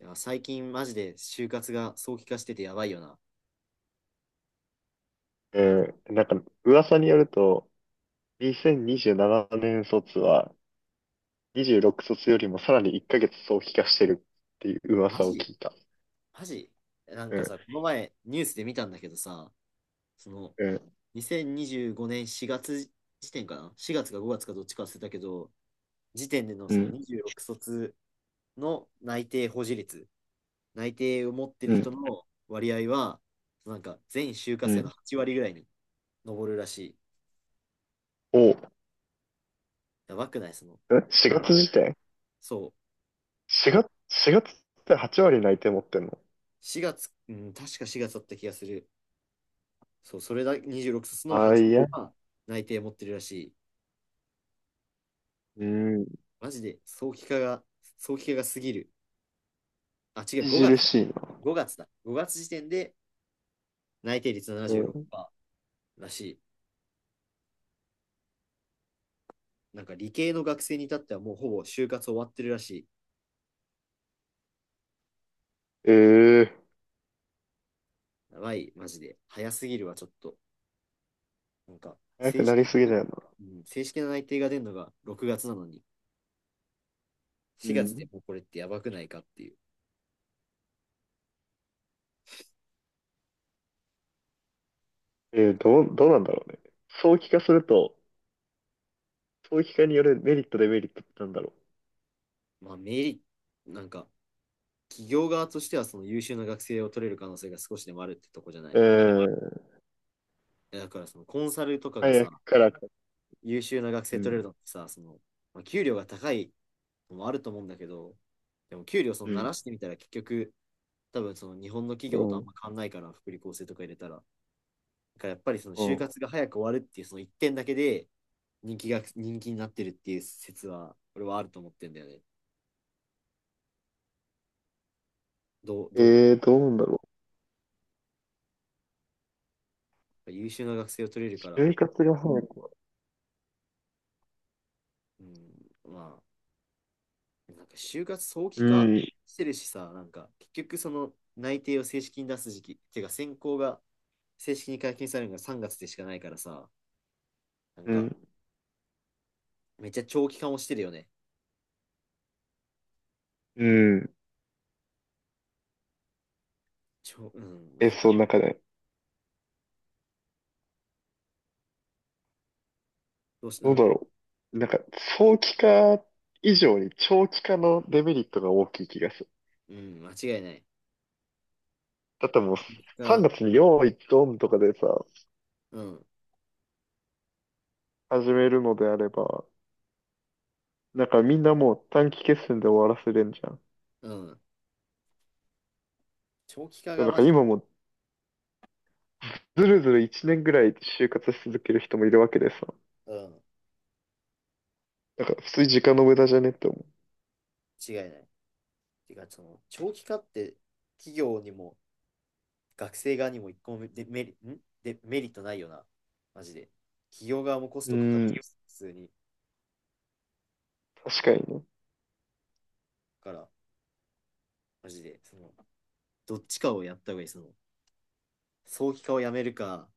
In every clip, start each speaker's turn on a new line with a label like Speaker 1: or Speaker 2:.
Speaker 1: いや、最近マジで就活が早期化しててやばいよな。
Speaker 2: うん、なんか、噂によると、2027年卒は、26卒よりもさらに1ヶ月早期化してるっていう
Speaker 1: マ
Speaker 2: 噂を
Speaker 1: ジ。
Speaker 2: 聞いた。
Speaker 1: マジ。なん
Speaker 2: う
Speaker 1: か
Speaker 2: ん、
Speaker 1: さ、この前ニュースで見たんだけどさ、その
Speaker 2: うん、
Speaker 1: 2025年4月時点かな？ 4 月か5月かどっちか忘れたけど、時点での
Speaker 2: う
Speaker 1: その
Speaker 2: ん、
Speaker 1: 26卒の内定保持率、内定を持って
Speaker 2: う
Speaker 1: る人
Speaker 2: ん、
Speaker 1: の割合は、なんか全就
Speaker 2: う
Speaker 1: 活生の
Speaker 2: ん。
Speaker 1: 8割ぐらいに上るらしい。
Speaker 2: お。
Speaker 1: やばくないその。
Speaker 2: え ?4
Speaker 1: ま
Speaker 2: 月
Speaker 1: あ、
Speaker 2: 時点
Speaker 1: そう。
Speaker 2: ?4 月、4月って8割内定持ってんの？
Speaker 1: 4月、うん、確か4月だった気がする。そう、それだ、26卒の
Speaker 2: あ、
Speaker 1: 8
Speaker 2: いや、
Speaker 1: は内定持ってるらしい。
Speaker 2: うん、
Speaker 1: マジで、早期化が過ぎる。あ、違う、5
Speaker 2: 著
Speaker 1: 月だ。
Speaker 2: しいな。
Speaker 1: 5月だ。5月時点で内定率
Speaker 2: うん。
Speaker 1: 76%らしい。なんか理系の学生に至ってはもうほぼ就活終わってるらしい。
Speaker 2: ええ、
Speaker 1: やばい、マジで。早すぎるわ、ちょっと。なんか、
Speaker 2: 早く
Speaker 1: 正
Speaker 2: なり
Speaker 1: 式
Speaker 2: すぎ
Speaker 1: な、
Speaker 2: だよな。
Speaker 1: うん、正式な内定が出るのが6月なのに、
Speaker 2: う
Speaker 1: 4月で
Speaker 2: ん。
Speaker 1: もうこれってやばくないかっていう。
Speaker 2: どうなんだろうね。早期化すると、早期化によるメリット、デメリットってなんだろ
Speaker 1: まあ、メリット、なんか、企業側としてはその優秀な学生を取れる可能性が少しでもあるってとこじゃな
Speaker 2: う。
Speaker 1: い。
Speaker 2: うん。
Speaker 1: やだからそのコンサルとかが
Speaker 2: 早
Speaker 1: さ、
Speaker 2: くから。
Speaker 1: 優秀な学
Speaker 2: う
Speaker 1: 生取れる
Speaker 2: ん、
Speaker 1: のってさ、その、まあ、給料が高いのもあると思うんだけど、でも給料そ
Speaker 2: う
Speaker 1: の慣ら
Speaker 2: ん、
Speaker 1: してみたら結局、多分その日本の企
Speaker 2: う
Speaker 1: 業とあん
Speaker 2: ん、
Speaker 1: ま変わんないから、福利厚生とか入れたら。だからやっぱりその
Speaker 2: う
Speaker 1: 就
Speaker 2: ん。
Speaker 1: 活が早く終わるっていうその一点だけで人気になってるっていう説は、俺はあると思ってんだよね。どう、ど
Speaker 2: どうなんだろ
Speaker 1: う優秀な学生を取れるか
Speaker 2: う。
Speaker 1: ら、
Speaker 2: 就活がさ、なんか、
Speaker 1: うん、まあ、なんか就活早期
Speaker 2: う
Speaker 1: 化
Speaker 2: ん、
Speaker 1: してるしさ、なんか結局その内定を正式に出す時期、てか選考が正式に解禁されるのが3月でしかないからさ、なん
Speaker 2: う
Speaker 1: か
Speaker 2: ん、
Speaker 1: めっちゃ長期化もしてるよね。
Speaker 2: うん。
Speaker 1: うん、
Speaker 2: え、
Speaker 1: な、
Speaker 2: そ
Speaker 1: な、
Speaker 2: う、なんかね、
Speaker 1: どうし、う
Speaker 2: どう
Speaker 1: ん、
Speaker 2: だろう。なんか、早期化以上に長期化のデメリットが大きい気がする。
Speaker 1: うん、間違いない。
Speaker 2: だってもう、3
Speaker 1: が、
Speaker 2: 月に用意ドンとかでさ、
Speaker 1: うん、
Speaker 2: 始めるのであれば、なんかみんなもう短期決戦で終わらせれんじゃん。
Speaker 1: うん。長期化
Speaker 2: な
Speaker 1: が
Speaker 2: ん
Speaker 1: マ
Speaker 2: か
Speaker 1: ジ、
Speaker 2: 今もうずるずる1年ぐらい就活し続ける人もいるわけでさ、
Speaker 1: うん、
Speaker 2: なんか普通に時間の無駄じゃねって思
Speaker 1: 違いない。てか、その長期化って企業にも学生側にも一個もデメリ、んでメリットないよな。マジで。企業側もコス
Speaker 2: う。う
Speaker 1: トかかっち
Speaker 2: ん、
Speaker 1: ゃう、普通に。
Speaker 2: 確かにね。
Speaker 1: から、マジで、その、どっちかをやった方がいい。その、早期化をやめるか、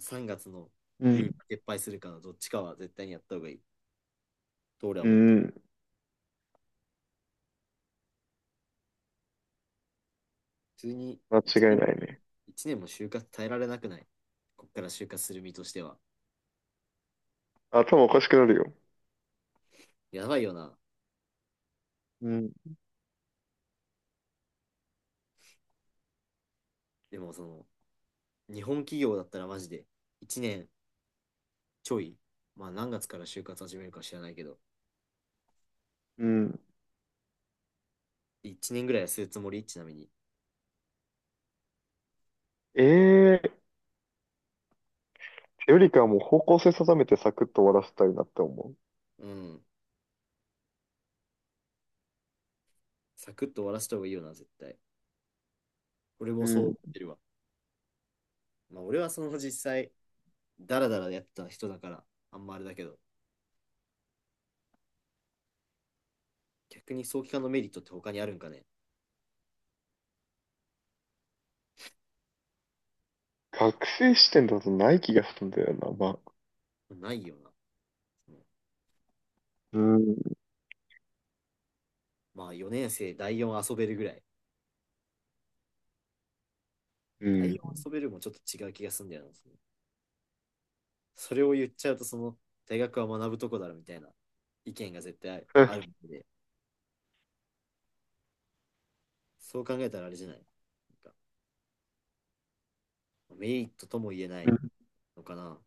Speaker 1: 3月の
Speaker 2: うん。
Speaker 1: ルール撤廃するかのどっちかは絶対にやった方がいい。と俺は
Speaker 2: う
Speaker 1: 思ってる。
Speaker 2: ん。
Speaker 1: 普通に
Speaker 2: 間
Speaker 1: 1
Speaker 2: 違い
Speaker 1: 年
Speaker 2: ない
Speaker 1: も、
Speaker 2: ね。
Speaker 1: 一年も就活耐えられなくない。こっから就活する身としては。
Speaker 2: 頭おかしくなるよ。
Speaker 1: やばいよな。
Speaker 2: うん。
Speaker 1: でもその、日本企業だったらマジで1年ちょい。まあ何月から就活始めるか知らないけど、
Speaker 2: うん。
Speaker 1: 1年ぐらいはするつもりちなみに。
Speaker 2: ええー、よりかはもう方向性定めてサクッと終わらせたいなって思
Speaker 1: うん。サクッと終わらせた方がいいよな、絶対。俺も
Speaker 2: う。う
Speaker 1: そう思っ
Speaker 2: ん。
Speaker 1: てるわ。まあ俺はその実際、ダラダラやってた人だから、あんまあれだけど、逆に早期化のメリットって他にあるんかね
Speaker 2: 学生視点だとない気がするんだよな、まあ。
Speaker 1: ないよな。
Speaker 2: うん。
Speaker 1: まあ4年生第4遊べるぐらい。
Speaker 2: う
Speaker 1: 第4遊
Speaker 2: ん。
Speaker 1: べるもちょっと違う気がするんだよな。それを言っちゃうと、その大学は学ぶとこだろみたいな意見が絶対あるので、そう考えたらあれじゃない。なんかメリットとも言えな
Speaker 2: う
Speaker 1: い
Speaker 2: ん。
Speaker 1: のかな。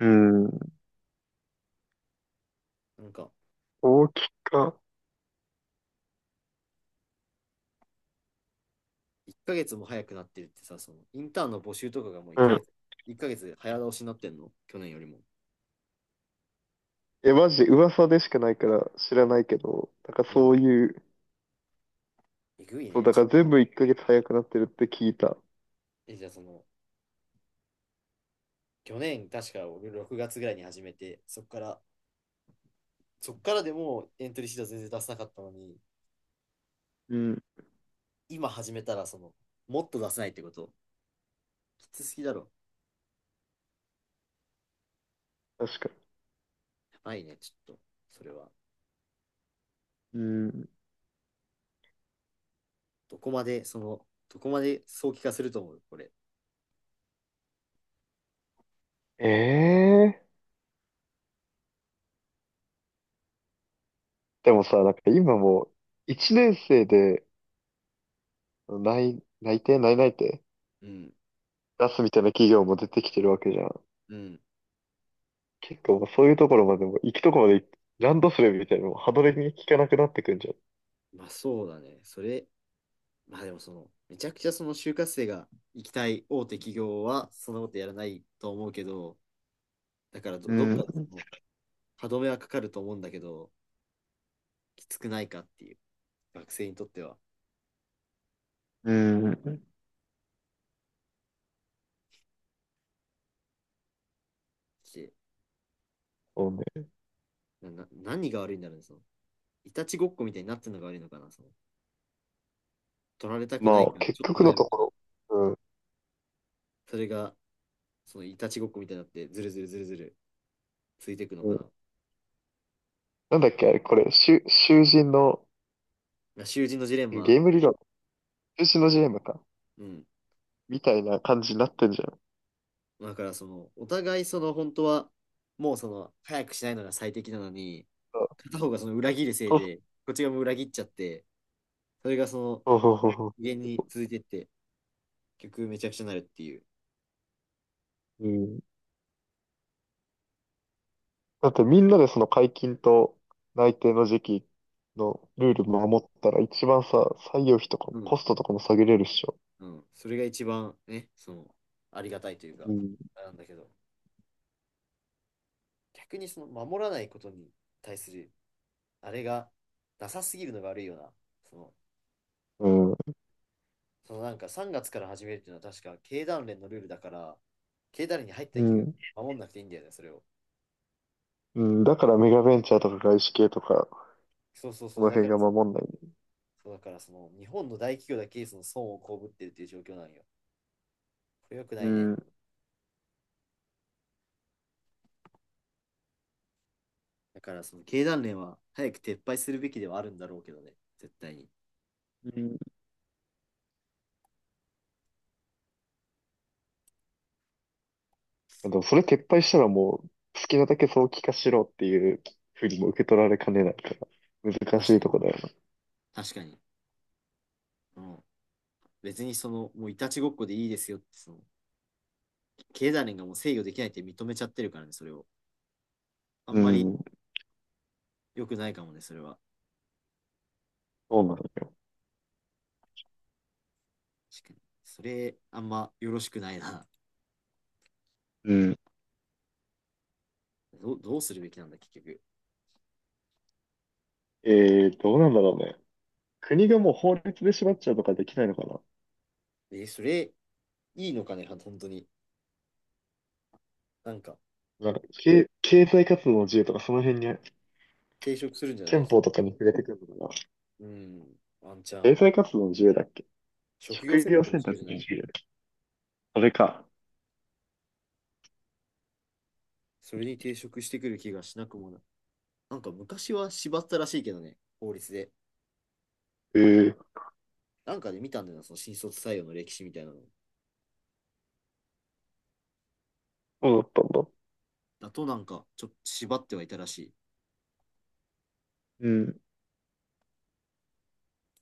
Speaker 2: うん、
Speaker 1: なんか
Speaker 2: 大きか。
Speaker 1: 1ヶ月も早くなってるってさ、そのインターンの募集とかがもう1
Speaker 2: うん。
Speaker 1: ヶ月、1ヶ月早倒しになってんの去年よりも。
Speaker 2: え、マジで噂でしかないから知らないけど、だから
Speaker 1: うん。
Speaker 2: そういう、
Speaker 1: えぐい
Speaker 2: そう、
Speaker 1: ね。
Speaker 2: だから全部1ヶ月早くなってるって聞いた。
Speaker 1: え、じゃあその、去年、確か僕6月ぐらいに始めて、そっからでもエントリーシート全然出せなかったのに、
Speaker 2: うん。
Speaker 1: 今始めたら、その、もっと出せないってこと、きつすぎだろ。
Speaker 2: 確か
Speaker 1: やばいね、ちょっと、それは。
Speaker 2: に。うん。
Speaker 1: どこまで早期化すると思う、これ。
Speaker 2: ええ、でもさ、なんか今もう、一年生で内内定
Speaker 1: うん、
Speaker 2: 出すみたいな企業も出てきてるわけじゃん。
Speaker 1: うん。
Speaker 2: 結構もうそういうところまでも、行くところまで行っ、ランドセルみたいなのも歯止めに効かなくなってくんじゃん。
Speaker 1: まあそうだね。それ、まあでもその、めちゃくちゃその就活生が行きたい大手企業は、そんなことやらないと思うけど、だから
Speaker 2: う
Speaker 1: ど、どっ
Speaker 2: ん、
Speaker 1: かでその歯止めはかかると思うんだけど、きつくないかっていう、学生にとっては。
Speaker 2: うん。そうね。
Speaker 1: 何が悪いんだろうね、その。いたちごっこみたいになってるのが悪いのかな、その。取られたくな
Speaker 2: ま
Speaker 1: い
Speaker 2: あ、
Speaker 1: から、
Speaker 2: 結
Speaker 1: ちょっと
Speaker 2: 局
Speaker 1: 早
Speaker 2: の
Speaker 1: め
Speaker 2: と
Speaker 1: たら、
Speaker 2: ころ、
Speaker 1: それが、そのいたちごっこみたいになって、ずるずるずるずるついていくの
Speaker 2: うん、
Speaker 1: か
Speaker 2: う
Speaker 1: な。
Speaker 2: ん。なんだっけ、あれ、これ、囚人の、
Speaker 1: まあ囚人のジレン
Speaker 2: ゲ
Speaker 1: マ。
Speaker 2: ーム理論、囚人のジレンマか。
Speaker 1: うん。
Speaker 2: みたいな感じになってんじゃん。
Speaker 1: だから、その、お互い、その、本当は、もう、その、早くしないのが最適なのに、片方がその裏切るせい
Speaker 2: そう
Speaker 1: で、こっちがもう裏切っちゃって、それがその、
Speaker 2: そうそう
Speaker 1: 無
Speaker 2: そ
Speaker 1: 限に続いてって、結局めちゃくちゃになるっていう。
Speaker 2: う。うん。だってみんなでその解禁と内定の時期のルール守ったら一番さ、採用費とかも
Speaker 1: うん。
Speaker 2: コストとかも下げれるっしょ。
Speaker 1: うん。それが一番ね、その、ありがたいというか、
Speaker 2: うん。
Speaker 1: あれなんだけど。逆にその守らないことに対するあれがなさすぎるのが悪いよな。その、
Speaker 2: うん。
Speaker 1: そのなんか3月から始めるっていうのは確か経団連のルールだから、経団連に入った
Speaker 2: う
Speaker 1: 企業
Speaker 2: ん。
Speaker 1: は守んなくていいんだよね、それを。
Speaker 2: うん。だからメガベンチャーとか外資系とか、
Speaker 1: そうそう
Speaker 2: こ
Speaker 1: そう、
Speaker 2: の
Speaker 1: だか
Speaker 2: 辺
Speaker 1: ら、
Speaker 2: が守んないね。
Speaker 1: そうだからその日本の大企業だけその損を被ってるっていう状況なんよ。これ良くな
Speaker 2: う
Speaker 1: いね。
Speaker 2: ん。
Speaker 1: だからその経団連は早く撤廃するべきではあるんだろうけどね、絶対に。
Speaker 2: うん。でもそれ撤廃したらもう、好きなだけ早期化しろっていうふうにも受け取られかねないから、難
Speaker 1: 確
Speaker 2: し
Speaker 1: か
Speaker 2: いと
Speaker 1: に。
Speaker 2: こだよ
Speaker 1: 確かに。うん。別にその、もういたちごっこでいいですよって、その、経団連がもう制御できないって認めちゃってるからね、それを。あ
Speaker 2: な。
Speaker 1: ん
Speaker 2: う
Speaker 1: まり
Speaker 2: ん。
Speaker 1: 良くないかもね、それは。
Speaker 2: そうなのよ。
Speaker 1: 確かに。それ、あんまよろしくないな。
Speaker 2: うん。
Speaker 1: どうするべきなんだ、結局。
Speaker 2: えどうなんだろうね。国がもう法律で縛っちゃうとかできないのかな。
Speaker 1: え、それ、いいのかね、本当に。なんか、
Speaker 2: なんか、経済活動の自由とかその辺に、
Speaker 1: 抵触するんじゃない？
Speaker 2: 憲法とかに触れてくるのかな。
Speaker 1: うん、ワンチャン。
Speaker 2: 経済活動の自由だっけ？
Speaker 1: 職業
Speaker 2: 職
Speaker 1: 選
Speaker 2: 業
Speaker 1: 択の
Speaker 2: 選
Speaker 1: 授
Speaker 2: 択
Speaker 1: 業
Speaker 2: の
Speaker 1: じゃない？
Speaker 2: 自由。それか。
Speaker 1: それに抵触してくる気がしなくもない。なんか、昔は縛ったらしいけどね、法律で。
Speaker 2: ええ、
Speaker 1: なんかで見たんだよな、その新卒採用の歴史みたいなの。
Speaker 2: そうだったんだ。
Speaker 1: だとなんか、ちょっと縛ってはいたらしい。
Speaker 2: うん。